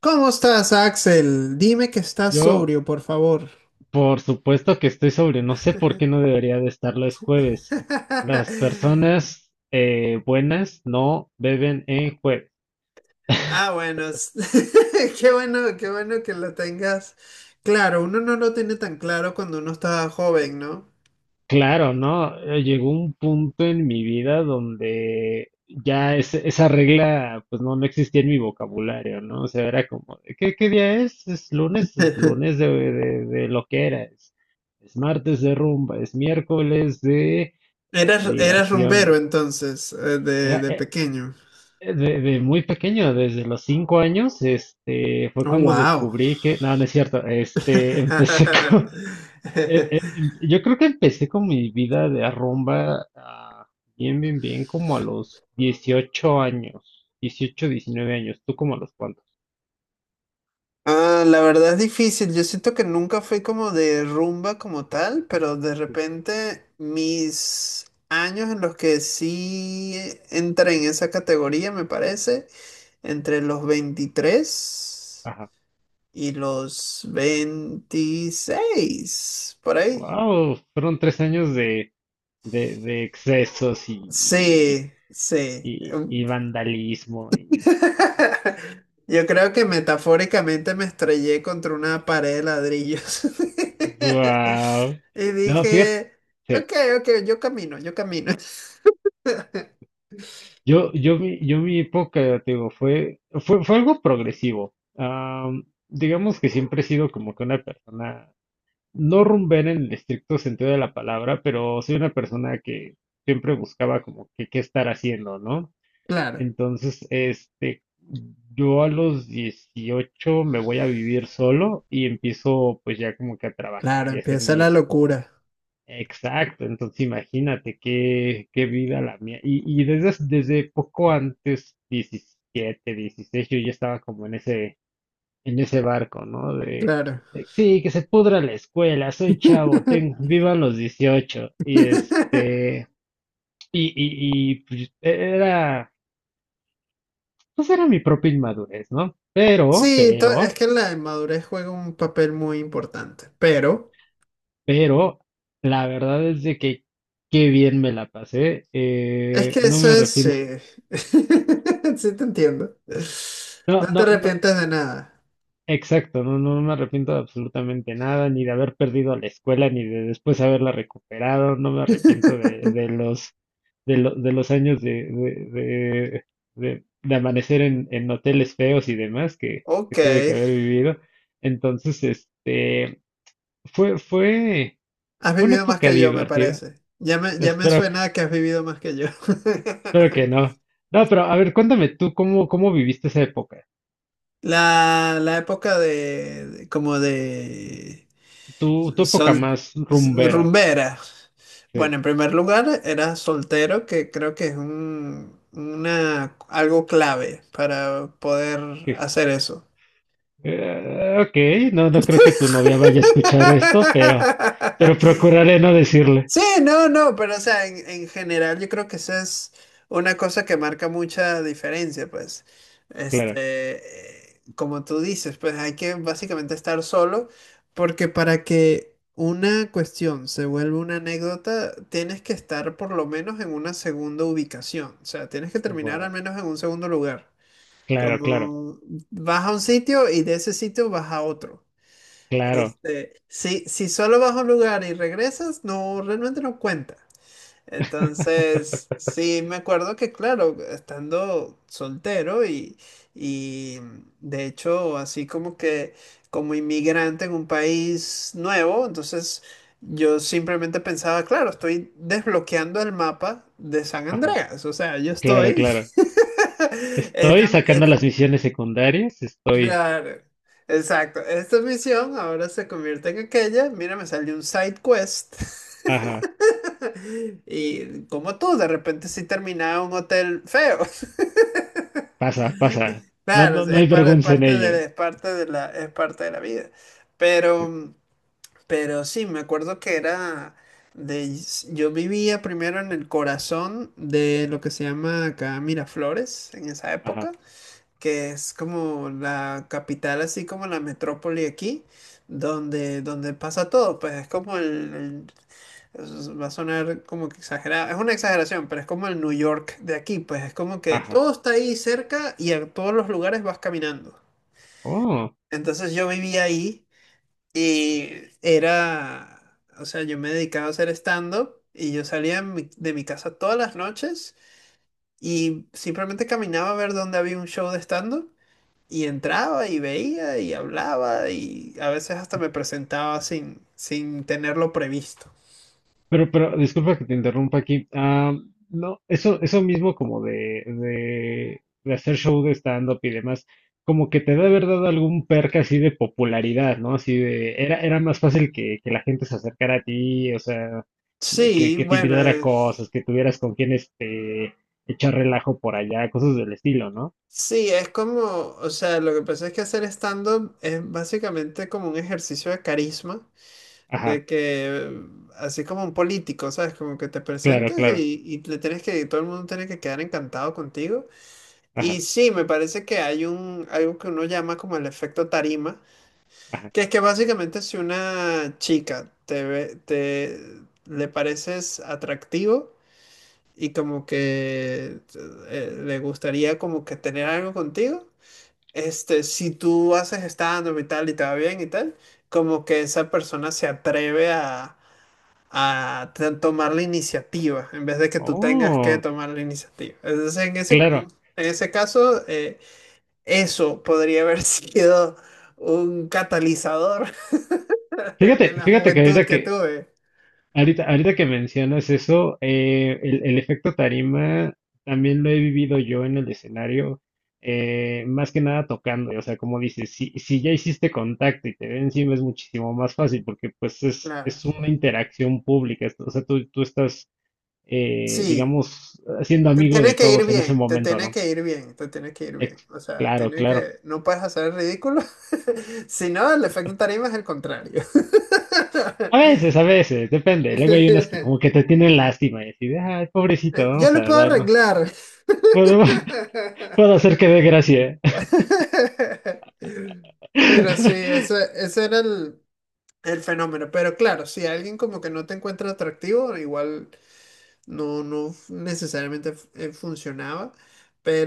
¿Cómo estás, Axel? Dime que estás Yo, sobrio, por favor. por supuesto que estoy sobre, no sé por qué no debería de estar los jueves. Las personas buenas no beben en jueves. Ah, bueno, qué bueno que lo tengas. Claro, uno no lo tiene tan claro cuando uno está joven, ¿no? Claro, ¿no? Llegó un punto en mi vida donde ya esa regla, pues no, no existía en mi vocabulario, ¿no? O sea, era como, de, ¿qué día es? Es lunes, es lunes de lo que era, es martes de rumba, es miércoles de Eras rumbero diversión. entonces, de pequeño. De muy pequeño, desde los 5 años, fue Oh, cuando wow. descubrí que no, no es cierto. Empecé con, yo creo que empecé con mi vida de arrumba, bien, bien, bien, como a los 18 años, 18 19 años. ¿Tú como a los cuantos? Ah, la verdad es difícil. Yo siento que nunca fui como de rumba como tal, pero de repente mis años en los que sí entré en esa categoría, me parece, entre los 23 Ajá, y los 26 por ahí. wow, fueron 3 años de, de excesos y, Sí, sí. y vandalismo y, Yo creo que metafóricamente me estrellé contra una pared de ladrillos. wow, Y no, fíjate. dije, Sí. ok, ok, yo camino, yo camino. Yo, yo mi época, te digo, fue algo progresivo. Digamos que siempre he sido como que una persona no rumbera en el estricto sentido de la palabra, pero soy una persona que siempre buscaba como que qué estar haciendo, ¿no? Claro, Entonces, yo a los 18 me voy a vivir solo y empiezo pues ya como que a claro, trabajar y hacer empieza la mis. locura. Exacto, entonces imagínate qué vida la mía. Y desde poco antes, 17 16 yo ya estaba como en ese barco, ¿no? De, Claro. de, sí, que se pudra la escuela, soy chavo, tengo, vivan los 18. Y pues, era mi propia inmadurez, ¿no? Pero, Sí, es pero, que la madurez juega un papel muy importante, pero pero, la verdad es de que qué bien me la pasé, es que no eso me es, arrepiento. sí, sí te entiendo. No, No te no, no. arrepientes de nada. Exacto, no me arrepiento de absolutamente nada, ni de haber perdido la escuela, ni de después haberla recuperado, no me arrepiento de los años de amanecer en hoteles feos y demás que Ok, tuve que haber vivido. Entonces, fue, fue, has fue una vivido más época que yo, me divertida. parece. Ya me Espero, que- suena a que has vivido más que yo. Espero que no. No, pero a ver, cuéntame tú cómo viviste esa época, La época de, como de tu época sol, más rumbera, rumbera. sí, Bueno, en primer lugar, era soltero, que creo que es un, una, algo clave para poder que hacer eso. Ok, no creo que tu novia vaya a escuchar esto, pero, procuraré no decirle. Sí, no, no, pero o sea, en general yo creo que esa es una cosa que marca mucha diferencia, pues, Claro, este, como tú dices, pues hay que básicamente estar solo, porque para que una cuestión se vuelva una anécdota, tienes que estar por lo menos en una segunda ubicación, o sea, tienes que terminar al wow, menos en un segundo lugar, claro, claro, como vas a un sitio y de ese sitio vas a otro. claro, Si, si solo vas a un lugar y regresas, no, realmente no cuenta. Entonces, sí, me acuerdo que, claro, estando soltero y de hecho, así como que como inmigrante en un país nuevo, entonces yo simplemente pensaba, claro, estoy desbloqueando el mapa de San ajá, Andreas, o sea, yo claro, estoy... claro. Estoy Esta, sacando las misiones secundarias, estoy. claro, exacto, esta misión ahora se convierte en aquella, mira, me salió un side quest. Ajá, Y como tú, de repente sí terminaba en un hotel feo. pasa, pasa. No, Claro, no, no hay es vergüenza en parte de ello. Es parte de la vida. Pero, pero sí, me acuerdo que era de, yo vivía primero en el corazón de lo que se llama acá Miraflores en esa época. Ajá, Que es como la capital, así como la metrópoli aquí, donde, donde pasa todo, pues es como el, va a sonar como que exagerado, es una exageración, pero es como el New York de aquí, pues es como que ajá. todo está ahí cerca y a todos los lugares vas caminando. Oh. Entonces yo vivía ahí y era, o sea, yo me dedicaba a hacer stand-up y yo salía de mi casa todas las noches y simplemente caminaba a ver dónde había un show de stand-up y entraba y veía y hablaba y a veces hasta me presentaba sin, sin tenerlo previsto. Pero, disculpa que te interrumpa aquí. No, eso mismo como de hacer show de stand-up y demás, como que te debe haber dado algún perk así de popularidad, ¿no? Así de, era más fácil que, la gente se acercara a ti, o sea, que, Sí, te bueno, invitara a cosas, que tuvieras con quién echar relajo por allá, cosas del estilo, ¿no? sí, es como, o sea, lo que pasa es que hacer stand-up es básicamente como un ejercicio de carisma, de Ajá, que, así como un político, ¿sabes? Como que te claro, presentas claro, y le tienes que, todo el mundo tiene que quedar encantado contigo. Y ajá, sí, me parece que hay un, algo que uno llama como el efecto tarima. ajá. Que es que básicamente si una chica te ve, te le pareces atractivo y como que le gustaría como que tener algo contigo, este, si tú haces stand-up y tal y te va bien y tal, como que esa persona se atreve a tomar la iniciativa en vez de que tú tengas que Oh, tomar la iniciativa. Entonces, claro. en ese caso, eso podría haber sido un catalizador de Fíjate, la fíjate juventud que que tuve. Ahorita, ahorita que mencionas eso, el efecto tarima también lo he vivido yo en el escenario, más que nada tocando, o sea, como dices, si ya hiciste contacto y te ven encima es muchísimo más fácil porque pues es, Claro. es una interacción pública, o sea, tú estás, Sí, digamos, siendo te amigo tiene de que ir todos en ese bien, te momento, tiene ¿no? que ir bien, te tiene que ir bien. Ex- O sea, claro, tiene claro. que, no puedes hacer el ridículo. Si no, el efecto tarima es el contrario. A veces, depende. Luego hay unas que como que te tienen lástima y así de, ay, pobrecito, Yo vamos lo a puedo dar, ¿no? arreglar. Podemos- Puedo hacer que dé gracia. Pero sí, eso, ese era el fenómeno. Pero claro, si alguien como que no te encuentra atractivo, igual no, no necesariamente funcionaba.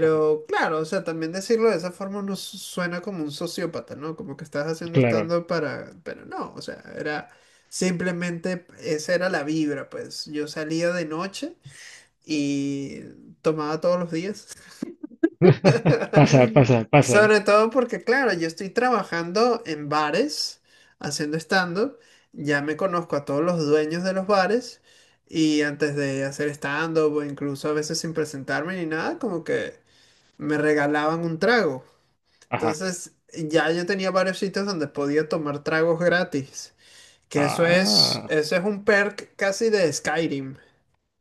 Ajá, claro, o sea, también decirlo de esa forma no suena como un sociópata, ¿no? Como que estás haciendo claro. stand-up para... Pero no, o sea, era simplemente, esa era la vibra, pues yo salía de noche y tomaba todos los días. Pasa, pasa, pasa. Sobre todo porque, claro, yo estoy trabajando en bares, haciendo stand-up, ya me conozco a todos los dueños de los bares y antes de hacer stand-up o incluso a veces sin presentarme ni nada, como que me regalaban un trago. Ajá. Entonces ya yo tenía varios sitios donde podía tomar tragos gratis, que Ah. eso es un perk casi de Skyrim.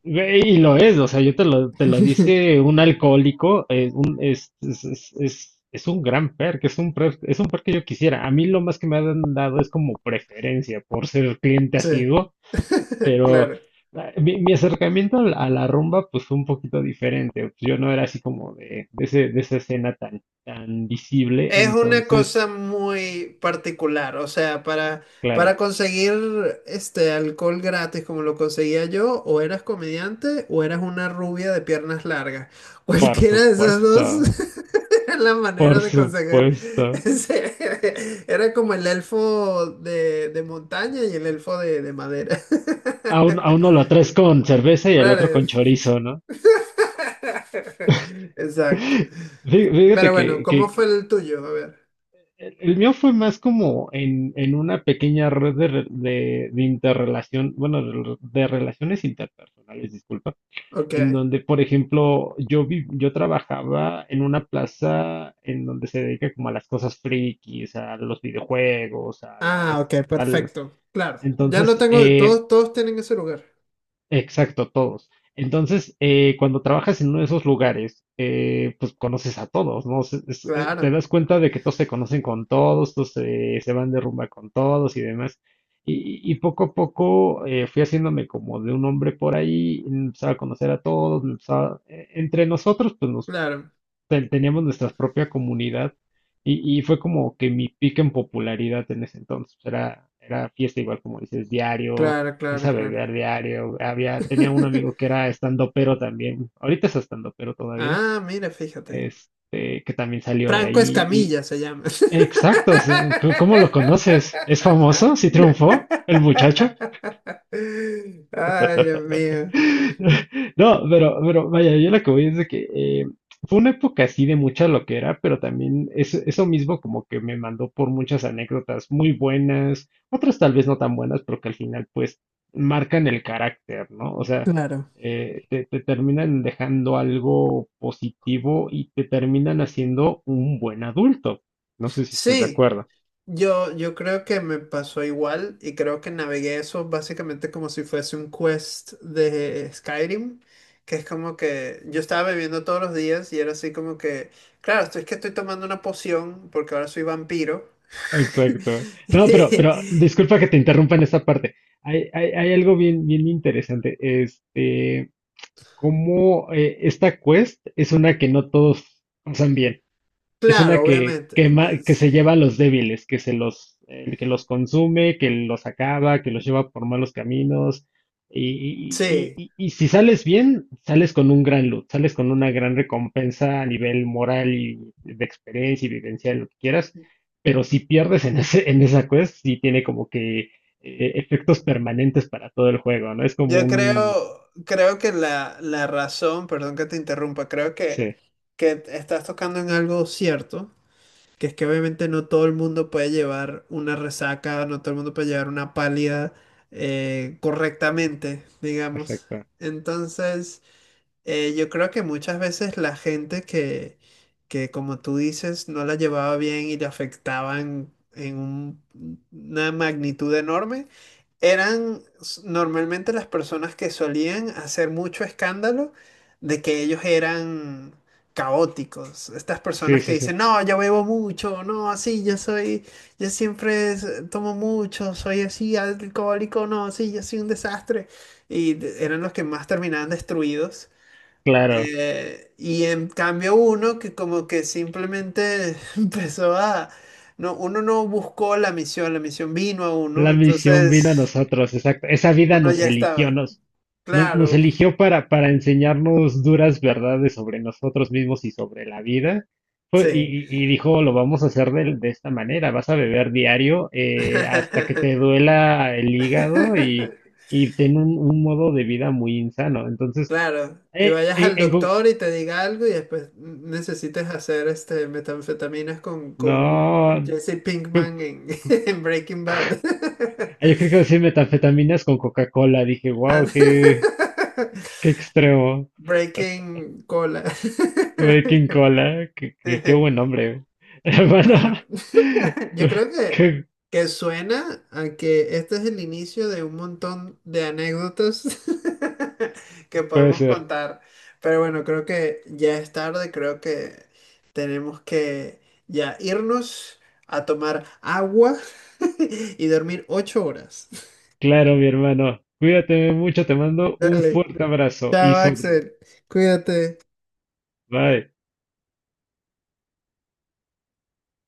Ve Y lo es, o sea, yo te lo dice un alcohólico, es un gran perk, es un perk, es un perk que yo quisiera. A mí lo más que me han dado es como preferencia por ser cliente Sí, asiduo, pero claro. Mi acercamiento a la rumba pues fue un poquito diferente. Pues, yo no era así como de esa escena tan visible, Es una entonces, cosa muy particular, o sea, claro. para conseguir este alcohol gratis como lo conseguía yo, o eras comediante o eras una rubia de piernas largas. Por Cualquiera de esas dos supuesto, era la por manera de conseguir supuesto. Era como el elfo de montaña y el elfo de madera. A uno lo traes con cerveza y al Claro. otro con Es. chorizo, ¿no? Exacto. Fí- Pero Fíjate bueno, ¿cómo fue que el tuyo? A ver. El mío fue más como en una pequeña red de interrelación, bueno, de relaciones interpersonales, disculpa, en Ok. donde, por ejemplo, yo trabajaba en una plaza en donde se dedica como a las cosas frikis, a los videojuegos, a Ah, las, ok, al, perfecto. Claro, ya lo entonces, tengo, todos, todos tienen ese lugar. exacto, todos. Entonces, cuando trabajas en uno de esos lugares, pues conoces a todos, ¿no? Te Claro, das cuenta de que todos se conocen con todos, todos se van de rumba con todos y demás. Y poco a poco fui haciéndome como de un hombre por ahí, empezaba a conocer a todos, entre nosotros, pues nos claro, teníamos nuestra propia comunidad y fue como que mi pico en popularidad en ese entonces. Era fiesta igual como dices, diario, claro, empecé a claro, claro. beber diario. Tenía un amigo que era estandopero también, ahorita es estandopero todavía, Ah, mira, fíjate. Que también salió de Franco ahí. Escamilla se llama. Exacto, o sea, ¿cómo lo conoces? ¿Es famoso? ¿Sí triunfó el muchacho? Ay, Dios mío. No, pero, vaya, yo lo que voy es de que fue una época así de mucha loquera, pero también eso mismo como que me mandó por muchas anécdotas muy buenas, otras tal vez no tan buenas, pero que al final pues marcan el carácter, ¿no? O sea, Claro. Te terminan dejando algo positivo y te terminan haciendo un buen adulto. No sé si estás de Sí. acuerdo. Yo creo que me pasó igual y creo que navegué eso básicamente como si fuese un quest de Skyrim, que es como que yo estaba bebiendo todos los días y era así como que, claro, esto es que estoy tomando una poción porque ahora soy vampiro. Exacto. No, pero, disculpa que te interrumpa en esta parte. Hay algo bien, bien interesante. Este, cómo esta quest es una que no todos pasan bien. Es una Claro, que obviamente. quema, que se lleva a los débiles, que los consume, que los acaba, que los lleva por malos caminos. Y, y- Sí, y- y si sales bien, sales con un gran loot, sales con una gran recompensa a nivel moral y de experiencia y vivencial, lo que quieras. Pero si pierdes en ese, en esa quest, sí tiene como que efectos permanentes para todo el juego, ¿no? Es como yo un... creo, creo que la razón, perdón que te interrumpa, creo Sí, que estás tocando en algo cierto que es que obviamente no todo el mundo puede llevar una resaca, no todo el mundo puede llevar una pálida correctamente, digamos. exacto. Entonces... Yo creo que muchas veces la gente que, como tú dices, no la llevaba bien y le afectaban en una magnitud enorme, eran normalmente las personas que solían hacer mucho escándalo de que ellos eran caóticos. Estas Sí, personas que sí, sí. dicen, no, yo bebo mucho, no, así, yo soy, yo siempre tomo mucho, soy así, alcohólico, no, sí, yo soy un desastre. Y eran los que más terminaban destruidos. Claro. Y en cambio uno que como que simplemente empezó a... No, uno no buscó la misión vino a uno, La misión vino a entonces nosotros, exacto. Esa vida uno ya estaba. Nos Claro, eligió para enseñarnos duras verdades sobre nosotros mismos y sobre la vida. Fue- Y, sí. y dijo, lo vamos a hacer de esta manera, vas a beber diario hasta que te duela el hígado y ten un modo de vida muy insano. Entonces, Claro, y vayas al en co- doctor y te diga algo y después necesites hacer este metanfetaminas con no, Jesse co- Pinkman en, en Breaking Bad. yo creo que decir metanfetaminas con Coca-Cola, dije, Ah, wow, qué, qué extremo. Breaking cola. Güey, King Cola, qué, qué buen nombre, güey. Bueno, Hermano, yo creo ¿qué que suena a que este es el inicio de un montón de anécdotas que puede podemos ser? contar. Pero bueno, creo que ya es tarde, creo que tenemos que ya irnos a tomar agua y dormir 8 horas. Claro, mi hermano. Cuídate mucho, te mando un Dale. fuerte abrazo y Chao, sobre. Axel. Cuídate. Bye.